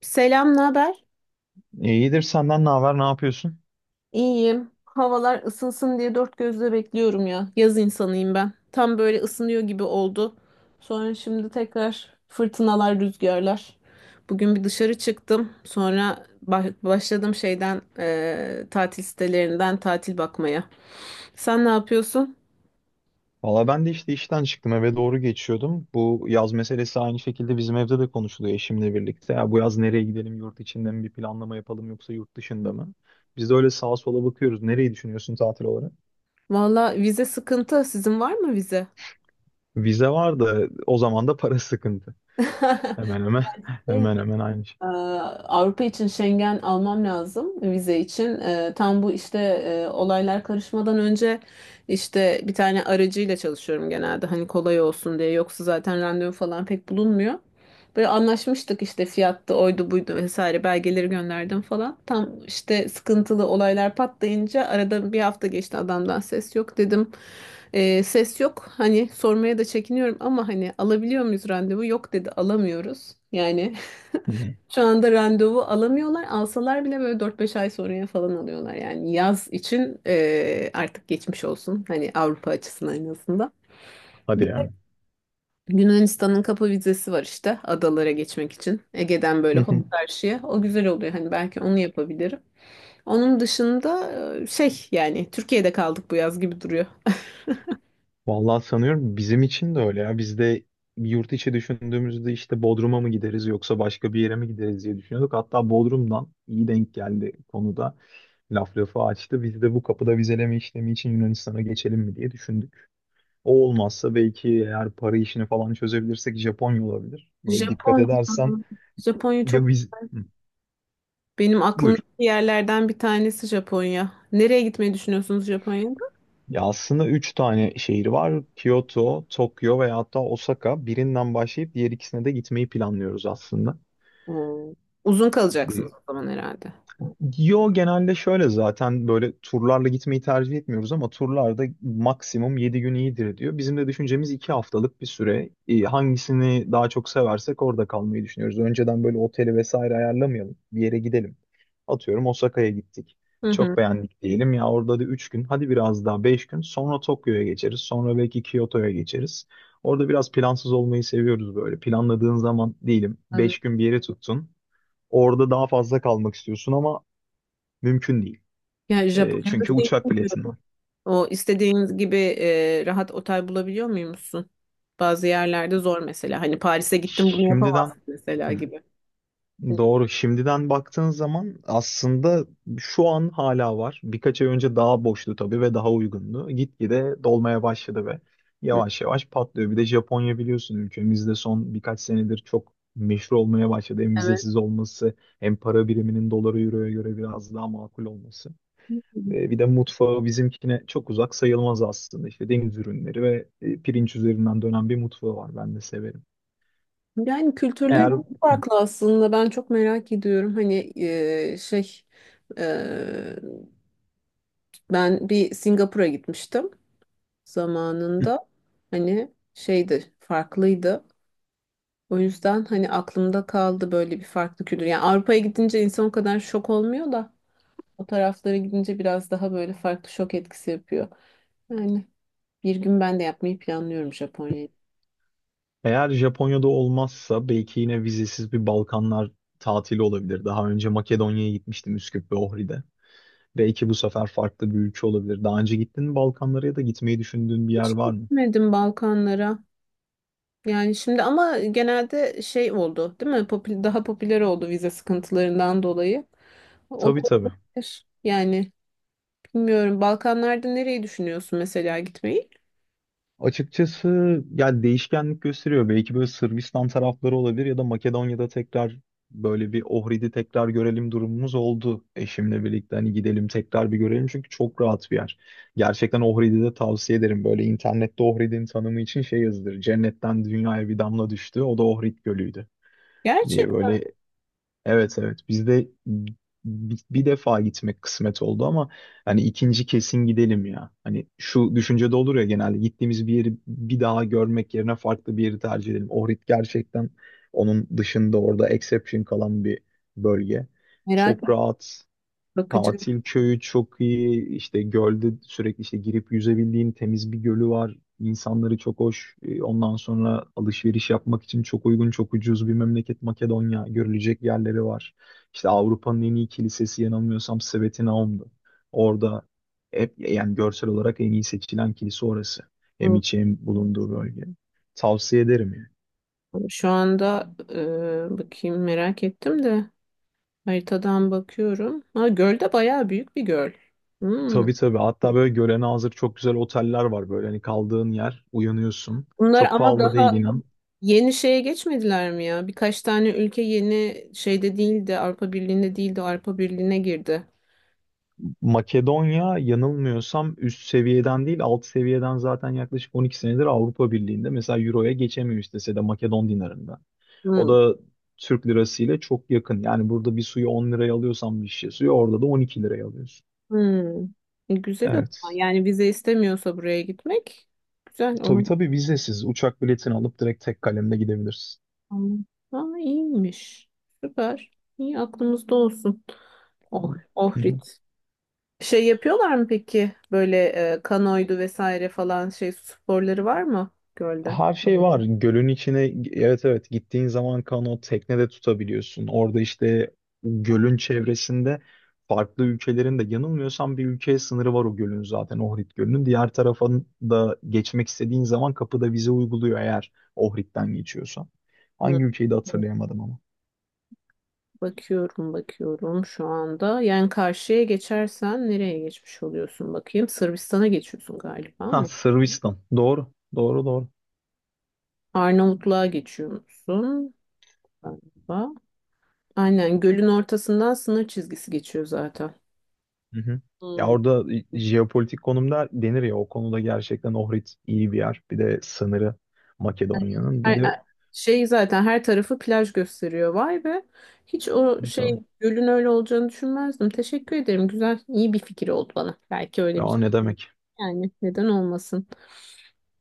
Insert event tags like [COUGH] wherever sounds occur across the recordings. Selam, ne haber? İyidir, senden ne haber, ne yapıyorsun? İyiyim. Havalar ısınsın diye dört gözle bekliyorum ya. Yaz insanıyım ben. Tam böyle ısınıyor gibi oldu. Sonra şimdi tekrar fırtınalar, rüzgarlar. Bugün bir dışarı çıktım. Sonra başladım şeyden tatil sitelerinden tatil bakmaya. Sen ne yapıyorsun? Valla ben de işte işten çıktım, eve doğru geçiyordum. Bu yaz meselesi aynı şekilde bizim evde de konuşuluyor eşimle birlikte. Ya bu yaz nereye gidelim, yurt içinde mi bir planlama yapalım yoksa yurt dışında mı? Biz de öyle sağa sola bakıyoruz. Nereyi düşünüyorsun tatil olarak? Valla vize sıkıntı. Sizin var mı vize? Vize var da o zaman da para sıkıntı. [LAUGHS] Hemen hemen [LAUGHS] Şey, hemen hemen aynı şey. Ee, Avrupa için Schengen almam lazım vize için. Tam bu işte olaylar karışmadan önce işte bir tane aracıyla çalışıyorum genelde hani kolay olsun diye. Yoksa zaten randevu falan pek bulunmuyor. Böyle anlaşmıştık işte fiyattı oydu buydu vesaire belgeleri gönderdim falan. Tam işte sıkıntılı olaylar patlayınca arada bir hafta geçti adamdan ses yok dedim. Ses yok hani sormaya da çekiniyorum ama hani alabiliyor muyuz randevu? Yok dedi alamıyoruz. Yani Hı hı. şu anda randevu alamıyorlar. Alsalar bile böyle dört beş ay sonraya falan alıyorlar. Yani yaz için artık geçmiş olsun. Hani Avrupa açısından en azından. Hadi ya. Yunanistan'ın kapı vizesi var işte adalara geçmek için. Ege'den böyle hop [LAUGHS] karşıya. O güzel oluyor. Hani belki onu yapabilirim. Onun dışında şey yani Türkiye'de kaldık bu yaz gibi duruyor. Vallahi sanıyorum bizim için de öyle ya. Biz de yurt içi düşündüğümüzde işte Bodrum'a mı gideriz yoksa başka bir yere mi gideriz diye düşünüyorduk. Hatta Bodrum'dan iyi denk geldi konuda. Laf lafı açtı. Biz de bu kapıda vizeleme işlemi için Yunanistan'a geçelim mi diye düşündük. O olmazsa, belki eğer para işini falan çözebilirsek Japonya olabilir. [LAUGHS] Böyle dikkat Japonya. edersen Japonya ya çok biz... Hı, benim aklımdaki buyur. yerlerden bir tanesi Japonya. Nereye gitmeyi düşünüyorsunuz Japonya'ya? Ya aslında üç tane şehir var: Kyoto, Tokyo ve hatta Osaka. Birinden başlayıp diğer ikisine de gitmeyi planlıyoruz aslında. Oo. Uzun kalacaksınız o zaman herhalde. Yo, genelde şöyle, zaten böyle turlarla gitmeyi tercih etmiyoruz ama turlarda maksimum 7 gün iyidir diyor. Bizim de düşüncemiz 2 haftalık bir süre. Hangisini daha çok seversek orada kalmayı düşünüyoruz. Önceden böyle oteli vesaire ayarlamayalım. Bir yere gidelim. Atıyorum, Osaka'ya gittik. Hı hı. Çok beğendik diyelim ya, orada da 3 gün, hadi biraz daha, 5 gün sonra Tokyo'ya geçeriz. Sonra belki Kyoto'ya geçeriz. Orada biraz plansız olmayı seviyoruz böyle. Planladığın zaman diyelim, Ben- 5 gün bir yere tuttun. Orada daha fazla kalmak istiyorsun ama mümkün değil. Yani E, Japonya'da çünkü şey uçak bilmiyorum. biletin var. O istediğiniz gibi rahat otel bulabiliyor muymuşsun? Bazı yerlerde zor mesela. Hani Paris'e gittim bunu yapamazsın Şimdiden mesela hı, gibi. Hı, doğru. Şimdiden baktığın zaman aslında şu an hala var. Birkaç ay önce daha boştu tabii ve daha uygundu. Gitgide dolmaya başladı ve hı. yavaş yavaş patlıyor. Bir de Japonya biliyorsun ülkemizde son birkaç senedir çok meşhur olmaya başladı. Hem Evet. vizesiz olması hem para biriminin dolara, euroya göre biraz daha makul olması. E, bir de mutfağı bizimkine çok uzak sayılmaz aslında. İşte deniz ürünleri ve pirinç üzerinden dönen bir mutfağı var. Ben de severim. Yani kültürleri Eğer hı, farklı aslında. Ben çok merak ediyorum. Hani şey e, ben bir Singapur'a gitmiştim zamanında. Hani şeydi farklıydı. O yüzden hani aklımda kaldı böyle bir farklı kültür. Yani Avrupa'ya gidince insan o kadar şok olmuyor da o taraflara gidince biraz daha böyle farklı şok etkisi yapıyor. Yani bir gün ben de yapmayı planlıyorum Japonya'yı. eğer Japonya'da olmazsa belki yine vizesiz bir Balkanlar tatili olabilir. Daha önce Makedonya'ya gitmiştim, Üsküp ve Ohri'de. Belki bu sefer farklı bir ülke olabilir. Daha önce gittin mi Balkanlara ya da gitmeyi düşündüğün bir yer var mı? Gitmedim Balkanlara. Yani şimdi ama genelde şey oldu, değil mi? Daha popüler oldu vize sıkıntılarından dolayı. O da Tabii tabii. olabilir. Yani bilmiyorum. Balkanlarda nereyi düşünüyorsun mesela gitmeyi? Açıkçası yani değişkenlik gösteriyor. Belki böyle Sırbistan tarafları olabilir ya da Makedonya'da tekrar, böyle bir Ohrid'i tekrar görelim durumumuz oldu. Eşimle birlikte hani gidelim tekrar bir görelim, çünkü çok rahat bir yer. Gerçekten Ohrid'i de tavsiye ederim. Böyle internette Ohrid'in tanımı için şey yazılır: cennetten dünyaya bir damla düştü, o da Ohrid Gölü'ydü diye Gerçekten böyle. Evet evet, bizde bir defa gitmek kısmet oldu ama hani ikinci kesin gidelim ya. Hani şu düşünce de olur ya, genelde gittiğimiz bir yeri bir daha görmek yerine farklı bir yeri tercih edelim. Ohrid gerçekten onun dışında, orada exception kalan bir bölge. merak Çok ettim. rahat. Bakacağım. Tatil köyü çok iyi. İşte gölde sürekli işte girip yüzebildiğin temiz bir gölü var. İnsanları çok hoş. Ondan sonra alışveriş yapmak için çok uygun, çok ucuz bir memleket Makedonya. Görülecek yerleri var. İşte Avrupa'nın en iyi kilisesi yanılmıyorsam Sveti Naum'du. Orada hep yani görsel olarak en iyi seçilen kilise orası. Hem içi hem bulunduğu bölge. Tavsiye ederim yani. Şu anda bakayım merak ettim de haritadan bakıyorum. Ha, göl de bayağı büyük bir göl. Hmm. Tabii tabii. Hatta böyle görene hazır çok güzel oteller var. Böyle hani kaldığın yer, uyanıyorsun. Bunlar Çok ama pahalı değil, daha inan. yeni şeye geçmediler mi ya? Birkaç tane ülke yeni şeyde değildi, Avrupa Birliği'nde değildi, Avrupa Birliği'ne girdi. Makedonya yanılmıyorsam üst seviyeden değil alt seviyeden zaten yaklaşık 12 senedir Avrupa Birliği'nde, mesela Euro'ya geçemiyor istese de, Makedon dinarında. O Hmm. da Türk lirası ile çok yakın. Yani burada bir suyu 10 liraya alıyorsan, bir şişe suyu orada da 12 liraya alıyorsun. Hmm. E, güzel o zaman. Evet. Yani vize istemiyorsa buraya gitmek güzel. Tabii Onu tabii, vizesiz uçak biletini alıp direkt tek kalemle gidebilirsin. Aa iyiymiş. Süper. İyi aklımızda olsun. Oh, Hı Ohrid. hı. Şey yapıyorlar mı peki? Böyle kanoydu vesaire falan şey sporları var mı gölde? Her şey var. Gölün içine, evet evet, gittiğin zaman kanot teknede tutabiliyorsun. Orada işte gölün çevresinde farklı ülkelerin de yanılmıyorsam bir ülkeye sınırı var o gölün, zaten Ohrid Gölü'nün. Diğer tarafa da geçmek istediğin zaman kapıda vize uyguluyor eğer Ohrid'den geçiyorsan. Hı. Hangi ülkeyi de hatırlayamadım ama. Bakıyorum bakıyorum şu anda. Yani karşıya geçersen nereye geçmiş oluyorsun bakayım. Sırbistan'a geçiyorsun galiba Ha, mı? Sırbistan. Doğru. Doğru doğru. Arnavutluğa geçiyorsun galiba. Aynen gölün ortasından sınır çizgisi geçiyor zaten. Hı hı. Ya Hmm. orada jeopolitik konumda denir ya, o konuda gerçekten Ohrid iyi bir yer. Bir de sınırı Makedonya'nın. Ay- Bir de ay- Şey zaten her tarafı plaj gösteriyor. Vay be. Hiç o şey tabii. gölün öyle olacağını düşünmezdim. Teşekkür ederim. Güzel, iyi bir fikir oldu bana. Belki öyle bir Ya şey. ne demek? Yani neden olmasın.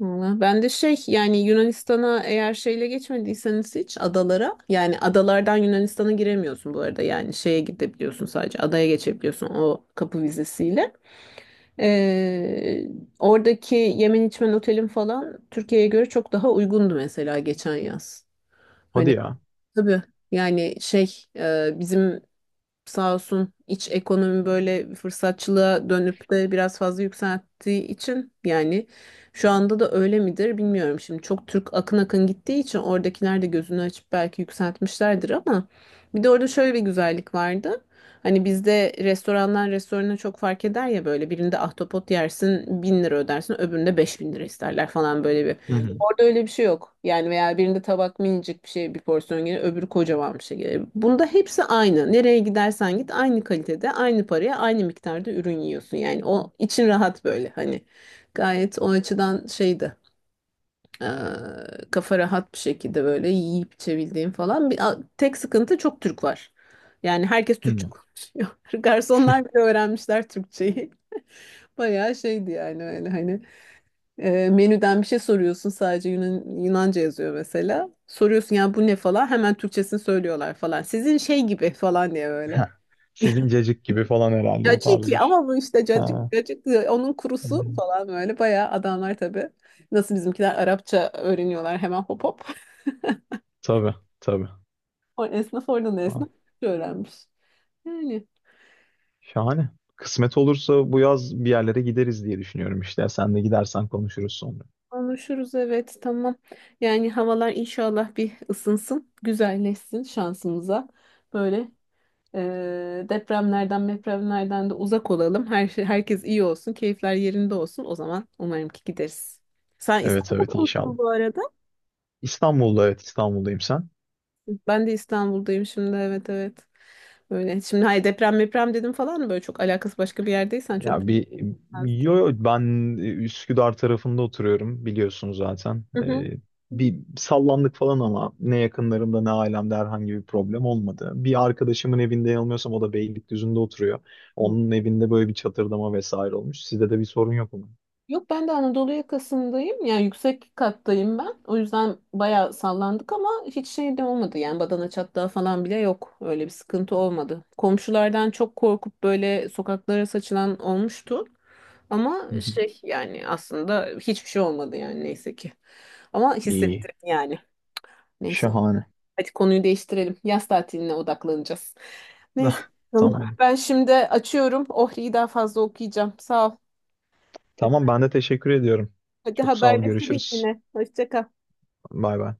Valla ben de şey yani Yunanistan'a eğer şeyle geçmediyseniz hiç adalara yani adalardan Yunanistan'a giremiyorsun bu arada. Yani şeye gidebiliyorsun sadece adaya geçebiliyorsun o kapı vizesiyle. Ee, Oradaki yemen içmen otelin falan Türkiye'ye göre çok daha uygundu mesela geçen yaz. Hadi Hani ya. tabii yani şey bizim sağ olsun iç ekonomi böyle fırsatçılığa dönüp de biraz fazla yükselttiği için yani şu anda da öyle midir bilmiyorum. Şimdi çok Türk akın akın gittiği için oradakiler de gözünü açıp belki yükseltmişlerdir ama bir de orada şöyle bir güzellik vardı. Hani bizde restorandan restorana çok fark eder ya böyle birinde ahtapot yersin bin lira ödersin öbüründe beş bin lira isterler falan böyle bir Hı hı. Orada öyle bir şey yok. Yani veya birinde tabak minicik bir şey bir porsiyon gelir, öbürü kocaman bir şey gelir. Bunda hepsi aynı. Nereye gidersen git aynı kalitede, aynı paraya, aynı miktarda ürün yiyorsun. Yani o için rahat böyle hani. Gayet o açıdan şeydi. eee, Kafa rahat bir şekilde böyle yiyip içebildiğim falan. Bir, tek sıkıntı çok Türk var. Yani herkes Türkçe Hı. konuşuyor. [LAUGHS] Garsonlar bile öğrenmişler Türkçeyi. [LAUGHS] Bayağı şeydi yani öyle hani. E, menüden bir şey soruyorsun sadece Yunanca yazıyor mesela. Soruyorsun ya bu ne falan hemen Türkçesini söylüyorlar falan. Sizin şey gibi falan diye böyle. Heh. Sizin [LAUGHS] cacık gibi falan herhalde, o tarz Caciki bir şey. ama bu işte Ha. cacık, cacık onun Hı hı. kurusu falan böyle bayağı adamlar tabii. Nasıl bizimkiler Arapça öğreniyorlar hemen hop hop. [LAUGHS] Tabii, tabii. O esnaf oradan da Ha. esnaf öğrenmiş. Yani Şahane. Kısmet olursa bu yaz bir yerlere gideriz diye düşünüyorum işte. Sen de gidersen konuşuruz sonra. konuşuruz evet tamam. Yani havalar inşallah bir ısınsın, güzelleşsin şansımıza. Böyle depremlerden, mepremlerden de uzak olalım. Her şey, herkes iyi olsun, keyifler yerinde olsun. O zaman umarım ki gideriz. Sen Evet evet, İstanbul'da inşallah. musun bu arada? İstanbul'da, evet, İstanbul'dayım, sen? Ben de İstanbul'dayım şimdi. Evet, evet. Böyle. Şimdi hayır deprem, deprem dedim falan böyle çok alakası başka bir yerdeysen çok. Ya bir, yo yo, ben Üsküdar tarafında oturuyorum biliyorsun zaten. Hı Bir sallandık falan ama ne yakınlarımda ne ailemde herhangi bir problem olmadı. Bir arkadaşımın evinde, yanılmıyorsam o da Beylikdüzü'nde oturuyor. hı. Onun evinde böyle bir çatırdama vesaire olmuş. Sizde de bir sorun yok mu? Yok ben de Anadolu yakasındayım. Yani yüksek kattayım ben. O yüzden bayağı sallandık ama hiç şey de olmadı. Yani badana çatlağı falan bile yok. Öyle bir sıkıntı olmadı. Komşulardan çok korkup böyle sokaklara saçılan olmuştu. Hı Ama hı. şey yani aslında hiçbir şey olmadı yani neyse ki. Ama İyi. hissettim yani. Neyse. Şahane. [LAUGHS] Hadi konuyu değiştirelim. Yaz tatiline odaklanacağız. Tamam. Neyse. Bakalım. Tamam. Ben şimdi açıyorum. Ohri'yi daha fazla okuyacağım. Sağ ol. Tamam, ben de teşekkür ediyorum. Hadi Çok sağ ol. haberleşiriz Görüşürüz. yine. Hoşça kal. Bay bay.